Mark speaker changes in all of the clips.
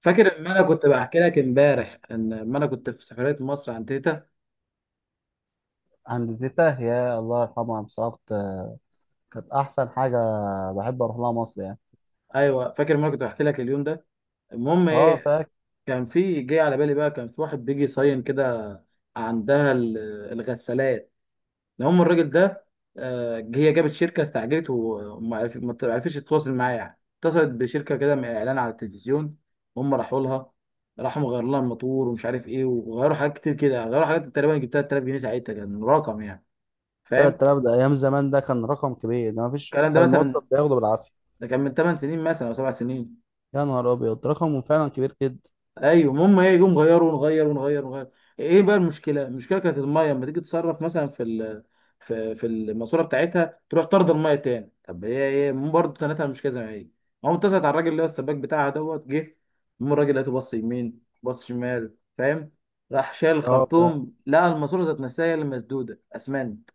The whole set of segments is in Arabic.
Speaker 1: فاكر ان انا كنت بحكي لك امبارح اما انا كنت في سفريه مصر عند تيتا.
Speaker 2: عند تيتا، هي الله يرحمها بصراحة. كانت أحسن حاجة. بحب أروح لها مصر يعني.
Speaker 1: ايوه فاكر ان انا كنت بحكي لك اليوم ده. المهم
Speaker 2: أه
Speaker 1: ايه،
Speaker 2: فاكر.
Speaker 1: كان في جاي على بالي بقى، كان في واحد بيجي يصين كده عندها الغسالات. المهم الراجل ده، هي جابت شركه استعجلت وما عرف- ما عرفتش تتواصل معايا يعني. اتصلت بشركه كده من اعلان على التلفزيون. هم راحوا لها، راحوا مغيروا لها الموتور ومش عارف ايه، وغيروا حاجات كتير كده. غيروا حاجات تقريبا جبتها 3000 جنيه، ساعتها كان رقم يعني فاهم.
Speaker 2: 3000 ده أيام زمان، ده كان رقم كبير، ده مفيش،
Speaker 1: الكلام ده
Speaker 2: كان الموظف
Speaker 1: مثلا
Speaker 2: بياخده بالعافية.
Speaker 1: ده كان من 8 سنين مثلا او 7 سنين.
Speaker 2: يا نهار أبيض، رقمه فعلا كبير جدا.
Speaker 1: ايوه المهم ايه، يقوم غيروا ونغير ونغير ونغير. ايه بقى المشكله؟ المشكله كانت الميه لما تيجي تصرف مثلا في في الماسوره بتاعتها، تروح طرد الميه تاني. طب هي ايه برضه تنتها مش كذا ما هي. قام اتصلت على الراجل اللي هو السباك بتاعها دوت جه. المهم الراجل لقيته بص يمين بص شمال فاهم. راح شال
Speaker 2: أه فعلا.
Speaker 1: الخرطوم، لقى الماسوره ذات نفسها هي اللي مسدوده اسمنت.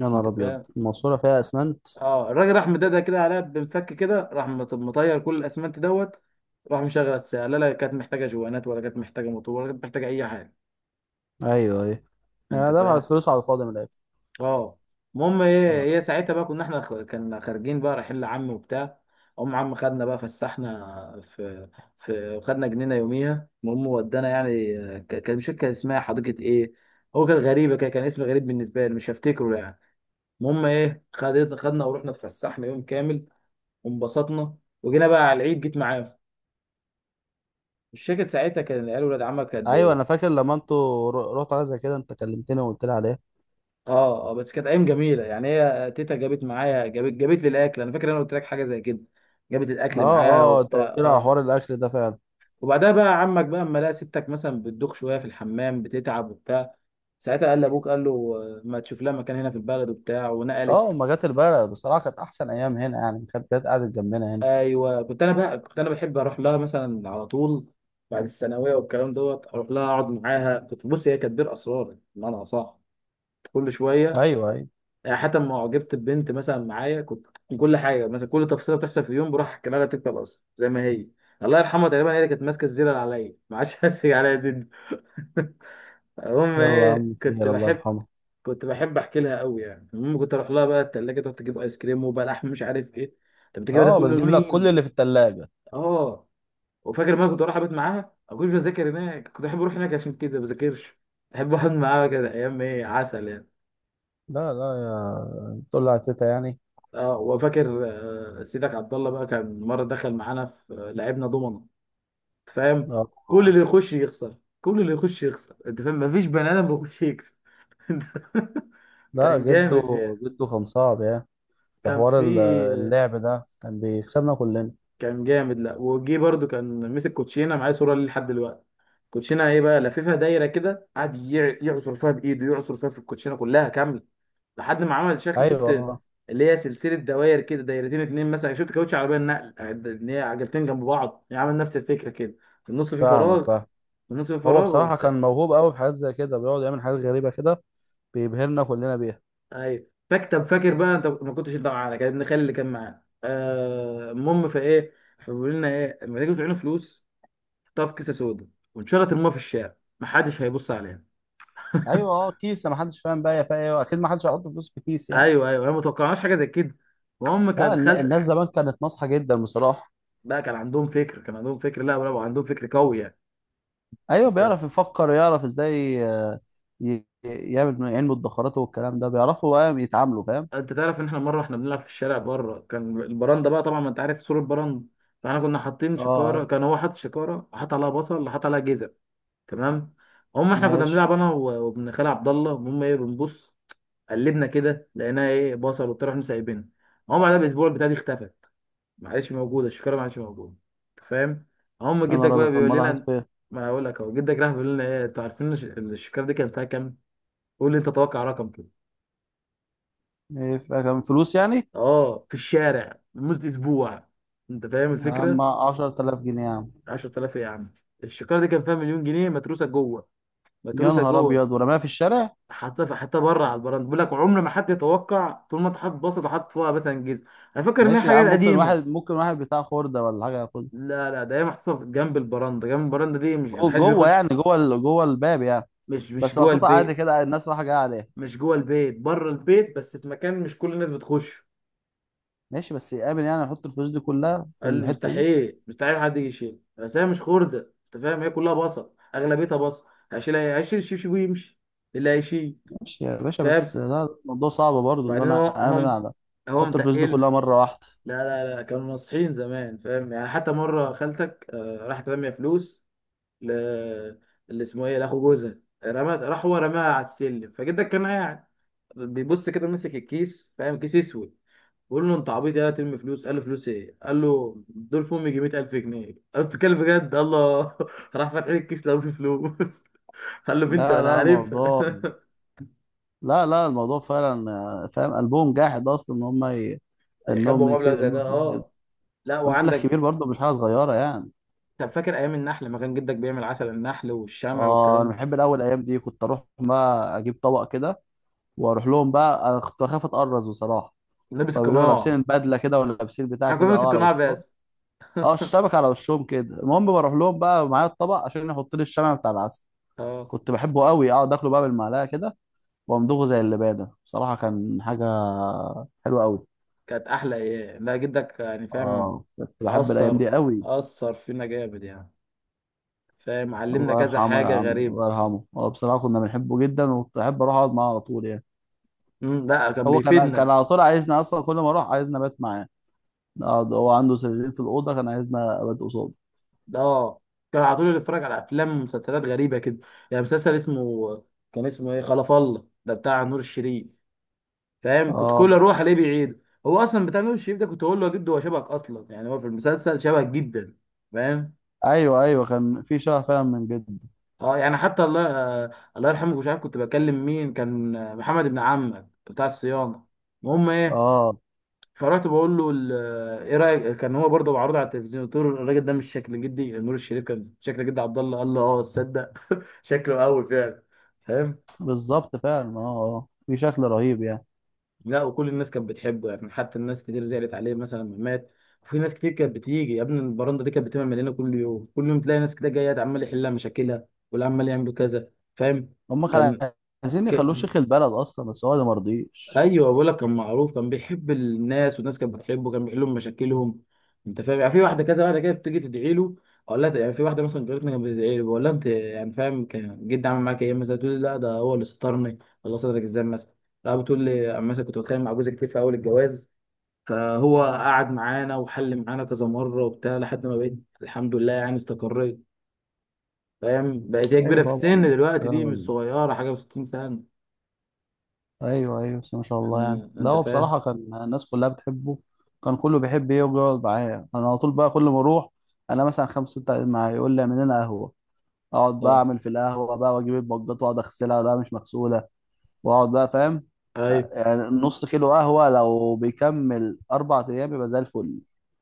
Speaker 2: يا
Speaker 1: انت
Speaker 2: نهار أبيض،
Speaker 1: فاهم.
Speaker 2: الماسورة فيها أسمنت.
Speaker 1: اه الراجل راح مدادها كده عليها بمفك كده، راح مطير كل الاسمنت دوت. راح مشغل الساعه، لا لا كانت محتاجه جوانات ولا كانت محتاجه موتور ولا كانت محتاجه اي حاجه.
Speaker 2: أيوه أيوه.
Speaker 1: انت
Speaker 2: يعني دفعت
Speaker 1: فاهم.
Speaker 2: فلوس على الفاضي من الآخر.
Speaker 1: اه المهم ايه،
Speaker 2: يا نهار
Speaker 1: هي
Speaker 2: أبيض.
Speaker 1: ساعتها بقى كنا احنا كنا خارجين بقى رايحين لعم وبتاع. ام عم خدنا بقى فسحنا في، في خدنا جنينه يوميها. المهم ودانا يعني كان مش فاكر كان اسمها حديقه ايه. هو كان غريبه كده، كان اسم غريب بالنسبه لي مش هفتكره يعني. المهم ايه خدت خدنا ورحنا اتفسحنا يوم كامل وانبسطنا، وجينا بقى على العيد جيت معاهم. مش فاكر ساعتها كان العيال ولاد عمك قد
Speaker 2: أيوه
Speaker 1: ايه.
Speaker 2: أنا فاكر لما أنتوا رحتوا حاجة زي كده أنت كلمتني وقلت لي عليها.
Speaker 1: اه اه بس كانت ايام جميله يعني. هي تيتا جابت معايا، جابت لي الاكل. انا فاكر انا قلت لك حاجه زي كده. جابت
Speaker 2: أه.
Speaker 1: الاكل معاها
Speaker 2: أه أنت
Speaker 1: وبتاع
Speaker 2: قلت لي على
Speaker 1: اه.
Speaker 2: حوار الأكل ده فعلا.
Speaker 1: وبعدها بقى عمك بقى اما لقى ستك مثلا بتدوخ شويه في الحمام بتتعب وبتاع، ساعتها قال لابوك قال له ما تشوف لها مكان هنا في البلد وبتاع،
Speaker 2: أه
Speaker 1: ونقلت.
Speaker 2: أما جت البلد بصراحة كانت أحسن أيام هنا يعني، كانت جت قعدت جنبنا هنا.
Speaker 1: ايوه كنت انا بحب اروح لها مثلا على طول، بعد الثانويه والكلام دوت، اروح لها اقعد معاها. كنت بص هي كانت بير اسرار بمعنى صح. كل شويه
Speaker 2: ايوه ايوه.
Speaker 1: يعني حتى لما اعجبت ببنت مثلا معايا كنت كل حاجه مثلا كل تفصيله بتحصل في يوم بروح احكي لها تلك الاصل زي ما هي. الله يرحمها تقريبا هي اللي كانت ماسكه الزينه اللي عليا ما عادش هتسيج عليا زين. المهم
Speaker 2: يلا يا
Speaker 1: ايه
Speaker 2: عم،
Speaker 1: كنت
Speaker 2: خير، الله
Speaker 1: بحب
Speaker 2: يرحمه.
Speaker 1: كنت بحب احكي لها قوي يعني. المهم كنت اروح لها بقى التلاجه تقعد تجيب ايس كريم وبلح مش عارف ايه. طب بتجيب ده
Speaker 2: اه
Speaker 1: كله
Speaker 2: بتجيب لك كل
Speaker 1: لمين؟
Speaker 2: اللي في التلاجة.
Speaker 1: اه وفاكر ما كنت اروح ابات معاها، ما كنتش بذاكر هناك، كنت احب اروح هناك عشان كده ما بذاكرش، احب اقعد معاها كده. ايام ايه عسل يعني.
Speaker 2: لا لا. يا تقول لها تيتا يعني.
Speaker 1: اه وفاكر سيدك عبد الله بقى كان مره دخل معانا في، لعبنا دومنه. أنت فاهم.
Speaker 2: اه.
Speaker 1: كل
Speaker 2: آه.
Speaker 1: اللي يخش يخسر، كل اللي يخش يخسر. انت فاهم مفيش بني ادم بيخش يكسب.
Speaker 2: لا
Speaker 1: كان
Speaker 2: جده،
Speaker 1: جامد فيها.
Speaker 2: جده كان صعب يعني. في
Speaker 1: كان
Speaker 2: حوار
Speaker 1: في
Speaker 2: اللعب ده كان بيكسبنا كلنا.
Speaker 1: كان جامد. لا وجي برضو كان مسك كوتشينه معايا، صوره ليه لحد دلوقتي. كوتشينه ايه بقى، لففها دايره كده، قعد يعصر فيها بايده، يعصر فيها في الكوتشينه كلها كامله لحد ما عمل شكل
Speaker 2: ايوه.
Speaker 1: شفت، اللي هي سلسله دوائر كده، دايرتين اتنين مثلا شفت كاوتش عربيه النقل ان هي عجلتين جنب بعض يعمل نفس الفكره كده. في النص في
Speaker 2: فاهمك
Speaker 1: فراغ،
Speaker 2: فاهم.
Speaker 1: في النص في
Speaker 2: هو
Speaker 1: فراغ
Speaker 2: بصراحة
Speaker 1: وبتاع.
Speaker 2: كان موهوب قوي في حاجات زي كده، بيقعد يعمل حاجات غريبة كده، بيبهرنا كلنا بيها.
Speaker 1: ايوه فاكر بقى انت ما كنتش انت معانا كان ابن خالي اللي كان معانا المهم فايه، فبيقول لنا ايه لما تيجوا تعينوا فلوس حطها في كيسه سودا وان شاء الله ترموها في الشارع محدش هيبص عليها.
Speaker 2: ايوه. اه كيسة ما حدش فاهم بقى هي فيها ايه، اكيد ما حدش هيحط فلوس في كيس يعني.
Speaker 1: ايوه ايوه انا ما توقعناش حاجه زي كده. المهم
Speaker 2: لا،
Speaker 1: كان
Speaker 2: الناس
Speaker 1: خالت
Speaker 2: زمان كانت ناصحة جدا بصراحة.
Speaker 1: بقى. كان عندهم فكر، كان عندهم فكر لا برافو، عندهم فكر قوي يعني.
Speaker 2: ايوه
Speaker 1: انت،
Speaker 2: بيعرف يفكر، يعرف ازاي. يعمل علم الدخرات والكلام ده، بيعرفوا بقى يتعاملوا، فاهم.
Speaker 1: انت تعرف ان احنا مره احنا بنلعب في الشارع بره، كان البرندة بقى طبعا ما انت عارف سور البرندة. فاحنا كنا حاطين
Speaker 2: اه
Speaker 1: شكاره،
Speaker 2: عارف.
Speaker 1: كان هو حاطط شكاره حاط عليها بصل حاط عليها جزر. تمام. هم احنا كنا
Speaker 2: ماشي.
Speaker 1: بنلعب انا وابن خالي عبد الله. المهم ايه بنبص قلبنا كده لقيناها ايه بصل وبتاع، رحنا سايبينها. هم بعدها باسبوع البتاعه دي اختفت. ما عادش موجوده، الشكاره ما عادش موجوده. انت فاهم. هم
Speaker 2: انا
Speaker 1: جدك بقى
Speaker 2: رابع
Speaker 1: بيقول
Speaker 2: مرة،
Speaker 1: لنا،
Speaker 2: راحت فين؟
Speaker 1: ما انا هقول لك اهو. جدك راح بيقول لنا ايه، انتوا عارفين الشكاره دي كان فيها كام؟ قول لي انت، توقع رقم كده.
Speaker 2: إيه، كان فلوس يعني؟
Speaker 1: اه في الشارع لمده اسبوع. انت فاهم
Speaker 2: يا عم
Speaker 1: الفكره.
Speaker 2: 10,000 جنيه يا عم.
Speaker 1: 10000 ايه يا عم؟ الشكاره دي كان فيها مليون جنيه، متروسه جوه،
Speaker 2: يا
Speaker 1: متروسه
Speaker 2: نهار
Speaker 1: جوه.
Speaker 2: ابيض، ورماها في الشارع.
Speaker 1: حاطها في، حاطها بره على البراند. بيقول لك عمر ما حد يتوقع طول ما انت حاطط بسط وحاطط فوقها مثلا جزء. انا فاكر ان هي
Speaker 2: ماشي يا
Speaker 1: حاجات
Speaker 2: عم، ممكن
Speaker 1: قديمه.
Speaker 2: واحد، ممكن واحد بتاع خردة ولا حاجة ياخدها.
Speaker 1: لا لا ده هي محطوطه جنب البراندة، جنب البراندة دي مش يعني
Speaker 2: جوه،
Speaker 1: محدش
Speaker 2: جوه
Speaker 1: بيخش.
Speaker 2: يعني، جوه جوه الباب يعني.
Speaker 1: مش
Speaker 2: بس
Speaker 1: جوه
Speaker 2: محطوطة عادي
Speaker 1: البيت.
Speaker 2: كده، الناس رايحة جاية عليها.
Speaker 1: مش جوه البيت، بره البيت، بس في مكان مش كل الناس بتخش.
Speaker 2: ماشي، بس يامن يعني يحط الفلوس دي كلها في
Speaker 1: قال لي
Speaker 2: الحتة دي.
Speaker 1: مستحيل مستحيل حد يجي يشيل، بس هي مش خردة انت فاهم، هي كلها بصل اغلبيتها بصل. هشيل ايه، هشيل الشبشب ويمشي اللي هيشيل.
Speaker 2: ماشي يا باشا،
Speaker 1: فاهم.
Speaker 2: بس لا، الموضوع صعب برضه ان
Speaker 1: بعدين
Speaker 2: انا
Speaker 1: هو
Speaker 2: امن
Speaker 1: هو
Speaker 2: على
Speaker 1: هو
Speaker 2: احط الفلوس دي
Speaker 1: متقل.
Speaker 2: كلها مره واحده.
Speaker 1: لا لا لا كانوا ناصحين زمان فاهم يعني. حتى مرة خالتك راحت رامية فلوس ل، اللي اسمه ايه، لاخو جوزها، رمت راح هو رماها على السلم. فجدك كان قاعد بيبص كده ماسك الكيس فاهم، كيس اسود. بقول له انت عبيط يا ترمي فلوس. قال له فلوس ايه؟ قال له دول في امي 100000 جنيه. قال له بتتكلم بجد؟ الله راح فاتح لي الكيس لقى فيه فلوس. قال له بنتي
Speaker 2: لا
Speaker 1: وانا
Speaker 2: لا
Speaker 1: عارف.
Speaker 2: الموضوع. لا لا الموضوع فعلا. فاهم قلبهم جاحد اصلا ان هم انهم
Speaker 1: يخبوا مبلغ زي
Speaker 2: يسيروا
Speaker 1: ده
Speaker 2: فلوس كده،
Speaker 1: اه. لا
Speaker 2: مبلغ
Speaker 1: وعندك.
Speaker 2: كبير برضه، مش حاجه صغيره يعني.
Speaker 1: طب فاكر ايام النحل لما كان جدك بيعمل عسل النحل والشمع
Speaker 2: اه انا
Speaker 1: والكلام؟
Speaker 2: بحب الاول، الايام دي كنت اروح بقى اجيب طبق كده واروح لهم بقى. انا كنت بخاف اتقرص بصراحه،
Speaker 1: ده لابس
Speaker 2: فبيبقوا لابسين
Speaker 1: القناع.
Speaker 2: البدله كده ولا لابسين بتاع
Speaker 1: احنا كنا
Speaker 2: كده
Speaker 1: بنلبس
Speaker 2: اه على
Speaker 1: القناع
Speaker 2: وشهم.
Speaker 1: بس.
Speaker 2: اه الشبكه على وشهم كده. المهم بروح لهم بقى معايا الطبق عشان يحط لي الشمع بتاع العسل.
Speaker 1: اه
Speaker 2: كنت بحبه قوي، اقعد اكله بقى بالمعلقه كده، وامضغه زي اللبانه. بصراحه كان حاجه حلوه قوي.
Speaker 1: كانت احلى ايام لا جدك يعني فاهم.
Speaker 2: اه كنت بحب الايام دي
Speaker 1: اثر
Speaker 2: قوي.
Speaker 1: اثر فينا جامد يعني. فاهم، علمنا
Speaker 2: الله
Speaker 1: كذا
Speaker 2: يرحمه يا
Speaker 1: حاجه
Speaker 2: عم،
Speaker 1: غريبه.
Speaker 2: الله يرحمه. هو بصراحه كنا بنحبه جدا، وكنت احب اروح اقعد معاه على طول يعني.
Speaker 1: لا كان
Speaker 2: هو كان، كان
Speaker 1: بيفيدنا
Speaker 2: على طول عايزنا اصلا، كل ما اروح عايزنا ابات معاه. نقعد، هو عنده سريرين في الاوضه، كان عايزنا ابات قصاده.
Speaker 1: اه. كان على طول بيتفرج على افلام ومسلسلات غريبه كده. يعني مسلسل اسمه، كان اسمه ايه، خلف الله ده بتاع نور الشريف. فاهم كنت
Speaker 2: اه.
Speaker 1: كل اروح الاقيه بيعيد. هو اصلا بتاع نور الشريف ده، كنت اقول له يا جد هو شبهك اصلا يعني هو في المسلسل شبهك جدا. فاهم.
Speaker 2: ايوه ايوه كان في شغف فعلا من جد.
Speaker 1: اه يعني حتى الله الله يرحمه. مش عارف كنت بكلم مين، كان محمد ابن عمك بتاع الصيانه. المهم ايه،
Speaker 2: اه
Speaker 1: فرحت بقول له ايه رايك، كان هو برضه معروض على التلفزيون. قلت له الراجل ده مش شكل جدي؟ نور الشريف كان شكل جدي عبد الله. قال له اه تصدق شكله قوي فعلا. فاهم.
Speaker 2: بالظبط فعلا، اه اه في شكل رهيب يعني.
Speaker 1: لا وكل الناس كانت بتحبه يعني، حتى الناس كتير زعلت عليه مثلا لما مات. وفي ناس كتير كانت بتيجي، يا ابني البرندة دي كانت بتبقى مليانة كل يوم كل يوم تلاقي ناس كده جاية عمال يحلها مشاكلها واللي عمال يعمل كذا. فاهم.
Speaker 2: هم كانوا
Speaker 1: كان
Speaker 2: عايزين
Speaker 1: ك-
Speaker 2: يخلوه شيخ البلد اصلا بس هو ده مرضيش.
Speaker 1: ايوه بقول لك كان معروف، كان بيحب الناس والناس كانت بتحبه، كان بيحل لهم مشاكلهم. انت فاهم. يعني في واحده، كذا واحده كده بتيجي تدعي له. اقول لها يعني في واحده مثلا جارتنا كانت بتدعي له، بقول لها انت يعني فاهم كان جدي عامل معاك ايه مثلا، تقول لي لا ده هو اللي سترني. الله سترك ازاي مثلا؟ لا بتقول لي أما مثلا كنت بتخانق مع جوزي كتير في اول الجواز، فهو قعد معانا وحل معانا كذا مره وبتاع لحد ما بقيت الحمد لله يعني استقريت. فاهم، بقت هي كبيره
Speaker 2: ايوه
Speaker 1: في السن
Speaker 2: طبعا.
Speaker 1: دلوقتي دي، مش
Speaker 2: آه،
Speaker 1: صغيره حاجه و60 سنه
Speaker 2: ايوه ايوه، بس ما شاء الله يعني.
Speaker 1: يعني.
Speaker 2: ده
Speaker 1: انت
Speaker 2: هو
Speaker 1: فاهم
Speaker 2: بصراحه كان الناس كلها بتحبه، كان كله بيحب يجي يقعد معايا. انا على طول بقى كل ما اروح، انا مثلا خمسه سته قاعدين معايا، يقول لي اعمل لنا قهوه. اقعد بقى
Speaker 1: اه.
Speaker 2: اعمل في القهوه بقى، واجيب البجات واقعد اغسلها، لا مش مغسوله، واقعد بقى، فاهم.
Speaker 1: ايوه.
Speaker 2: يعني نص كيلو قهوه لو بيكمل اربع ايام يبقى زي الفل.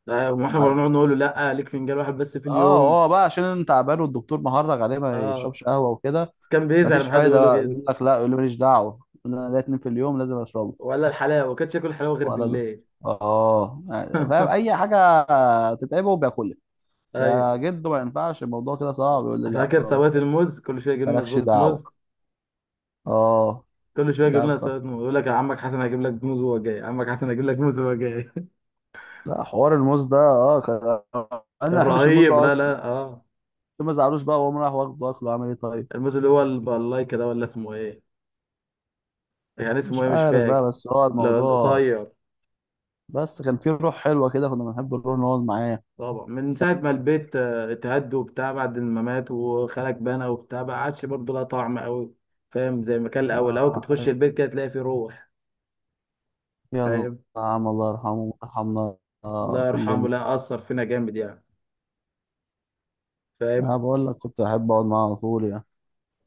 Speaker 1: لا، واحنا كنا بنقعد نقول له لا ليك فنجان واحد بس في
Speaker 2: اه
Speaker 1: اليوم.
Speaker 2: هو بقى عشان انت تعبان، والدكتور مهرج عليه ما
Speaker 1: اه
Speaker 2: يشربش قهوه وكده.
Speaker 1: بس كان بيزعل
Speaker 2: مفيش
Speaker 1: لما حد
Speaker 2: فايده
Speaker 1: يقول له
Speaker 2: بقى،
Speaker 1: كده.
Speaker 2: يقول لك لا، يقول لي ماليش دعوه، يقول لي انا ليا اتنين في اليوم لازم اشربه.
Speaker 1: ولا الحلاوه ما كانش ياكل حلاوه غير
Speaker 2: ولده.
Speaker 1: بالليل.
Speaker 2: اه يعني فاهم اي حاجه تتعبه بياكلها.
Speaker 1: ايوه
Speaker 2: يا جدو ما ينفعش الموضوع كده صعب، يقول لي لا،
Speaker 1: فاكر سوات الموز، كل شويه يجيب لنا
Speaker 2: مالكش
Speaker 1: سباطه
Speaker 2: دعوه.
Speaker 1: موز،
Speaker 2: اه.
Speaker 1: كل شويه يجيب
Speaker 2: لا
Speaker 1: لنا
Speaker 2: بصراحه،
Speaker 1: سباطه موز. يقول لك يا عمك حسن هجيب لك موز وهو جاي، عمك حسن هجيب لك موز وهو جاي.
Speaker 2: لا حوار الموز ده اه انا
Speaker 1: كان
Speaker 2: ما بحبش الموز
Speaker 1: رهيب
Speaker 2: ده
Speaker 1: لا
Speaker 2: اصلا.
Speaker 1: لا اه.
Speaker 2: ما زعلوش بقى، وقام راح واخده اكله، عمل ايه طيب.
Speaker 1: الموز اللي هو البلايكه ده ولا اسمه ايه؟ يعني اسمه
Speaker 2: مش
Speaker 1: ايه مش
Speaker 2: عارف
Speaker 1: فاكر.
Speaker 2: بقى، بس هو
Speaker 1: لا
Speaker 2: الموضوع،
Speaker 1: القصير.
Speaker 2: بس كان فيه روح حلوه كده، كنا بنحب نروح نقعد معاه.
Speaker 1: طبعا من ساعة ما البيت اتهد وبتاع، بعد ما مات وخالك بنى وبتاع، ما عادش برضه لها طعم قوي. فاهم زي ما كان الأول، الأول كنت
Speaker 2: اه.
Speaker 1: تخش البيت كده تلاقي فيه روح.
Speaker 2: يلا
Speaker 1: فاهم.
Speaker 2: يا عم، الله يرحمه ويرحمنا. آه
Speaker 1: الله يرحمه
Speaker 2: كلنا.
Speaker 1: لا أثر فينا جامد يعني.
Speaker 2: انا
Speaker 1: فاهم
Speaker 2: بقول لك كنت احب اقعد معاه على طول يعني.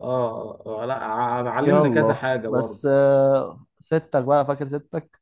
Speaker 1: اه. لا علمنا كذا
Speaker 2: يلا،
Speaker 1: حاجة برضه.
Speaker 2: بس ستك بقى، فاكر ستك؟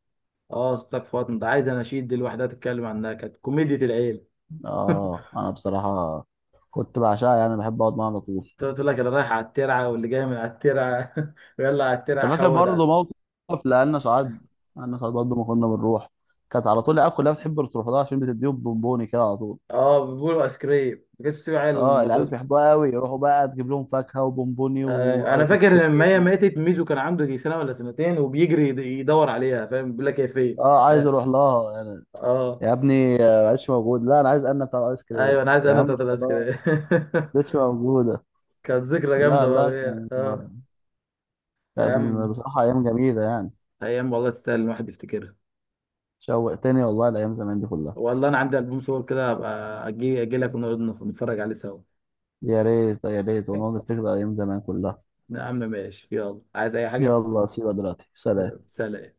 Speaker 1: اه أصلك فاطمة ده عايز أناشيد دي لوحدها تتكلم عنها، كانت كوميديا العيلة.
Speaker 2: اه انا بصراحه كنت بعشقها يعني، بحب اقعد معاها على طول.
Speaker 1: تقول لك اللي رايح على الترعة واللي جاي من على الترعة ويلا على
Speaker 2: انت
Speaker 1: الترعة
Speaker 2: فاكر
Speaker 1: حود
Speaker 2: برضه موقف لأن سعاد؟ أنا سعاد برضه ما كنا بنروح، كانت على طول العيال كلها بتحب تروح لها عشان بتديهم بونبوني كده على طول.
Speaker 1: اه. بيقولوا ايس كريم ما كانتش تسيب عيل.
Speaker 2: اه العيال بيحبوها قوي، يروحوا بقى تجيب لهم فاكهه وبونبوني
Speaker 1: انا
Speaker 2: وايس
Speaker 1: فاكر لما هي
Speaker 2: كريم.
Speaker 1: ماتت، ميزو كان عنده يجي سنه ولا سنتين وبيجري يدور عليها فاهم، بيقول لك هي فين.
Speaker 2: اه عايز
Speaker 1: اه
Speaker 2: اروح لها يعني.
Speaker 1: آه.
Speaker 2: يا ابني معلش، موجود، لا انا عايز، انا بتاع الايس كريم.
Speaker 1: ايوه انا عايز،
Speaker 2: يا
Speaker 1: انا
Speaker 2: عم
Speaker 1: بتاعت العسكريه.
Speaker 2: خلاص، مش موجوده.
Speaker 1: كانت ذكرى
Speaker 2: لا
Speaker 1: جامده برضه
Speaker 2: لا
Speaker 1: هي.
Speaker 2: كان،
Speaker 1: اه. يا
Speaker 2: لا
Speaker 1: عم
Speaker 2: بصراحة أيام جميلة يعني.
Speaker 1: ايام والله تستاهل الواحد يفتكرها.
Speaker 2: شوقتني والله الأيام زمان دي كلها.
Speaker 1: والله انا عندي البوم صور كده، هبقى اجي اجي لك ونقعد نتفرج عليه سوا.
Speaker 2: يا ريت، يا ريت، ونقعد نفتكر أيام زمان كلها.
Speaker 1: يا عم ماشي يلا، عايز اي حاجه؟
Speaker 2: يلا سيبها دلوقتي،
Speaker 1: يلا،
Speaker 2: سلام.
Speaker 1: سلام.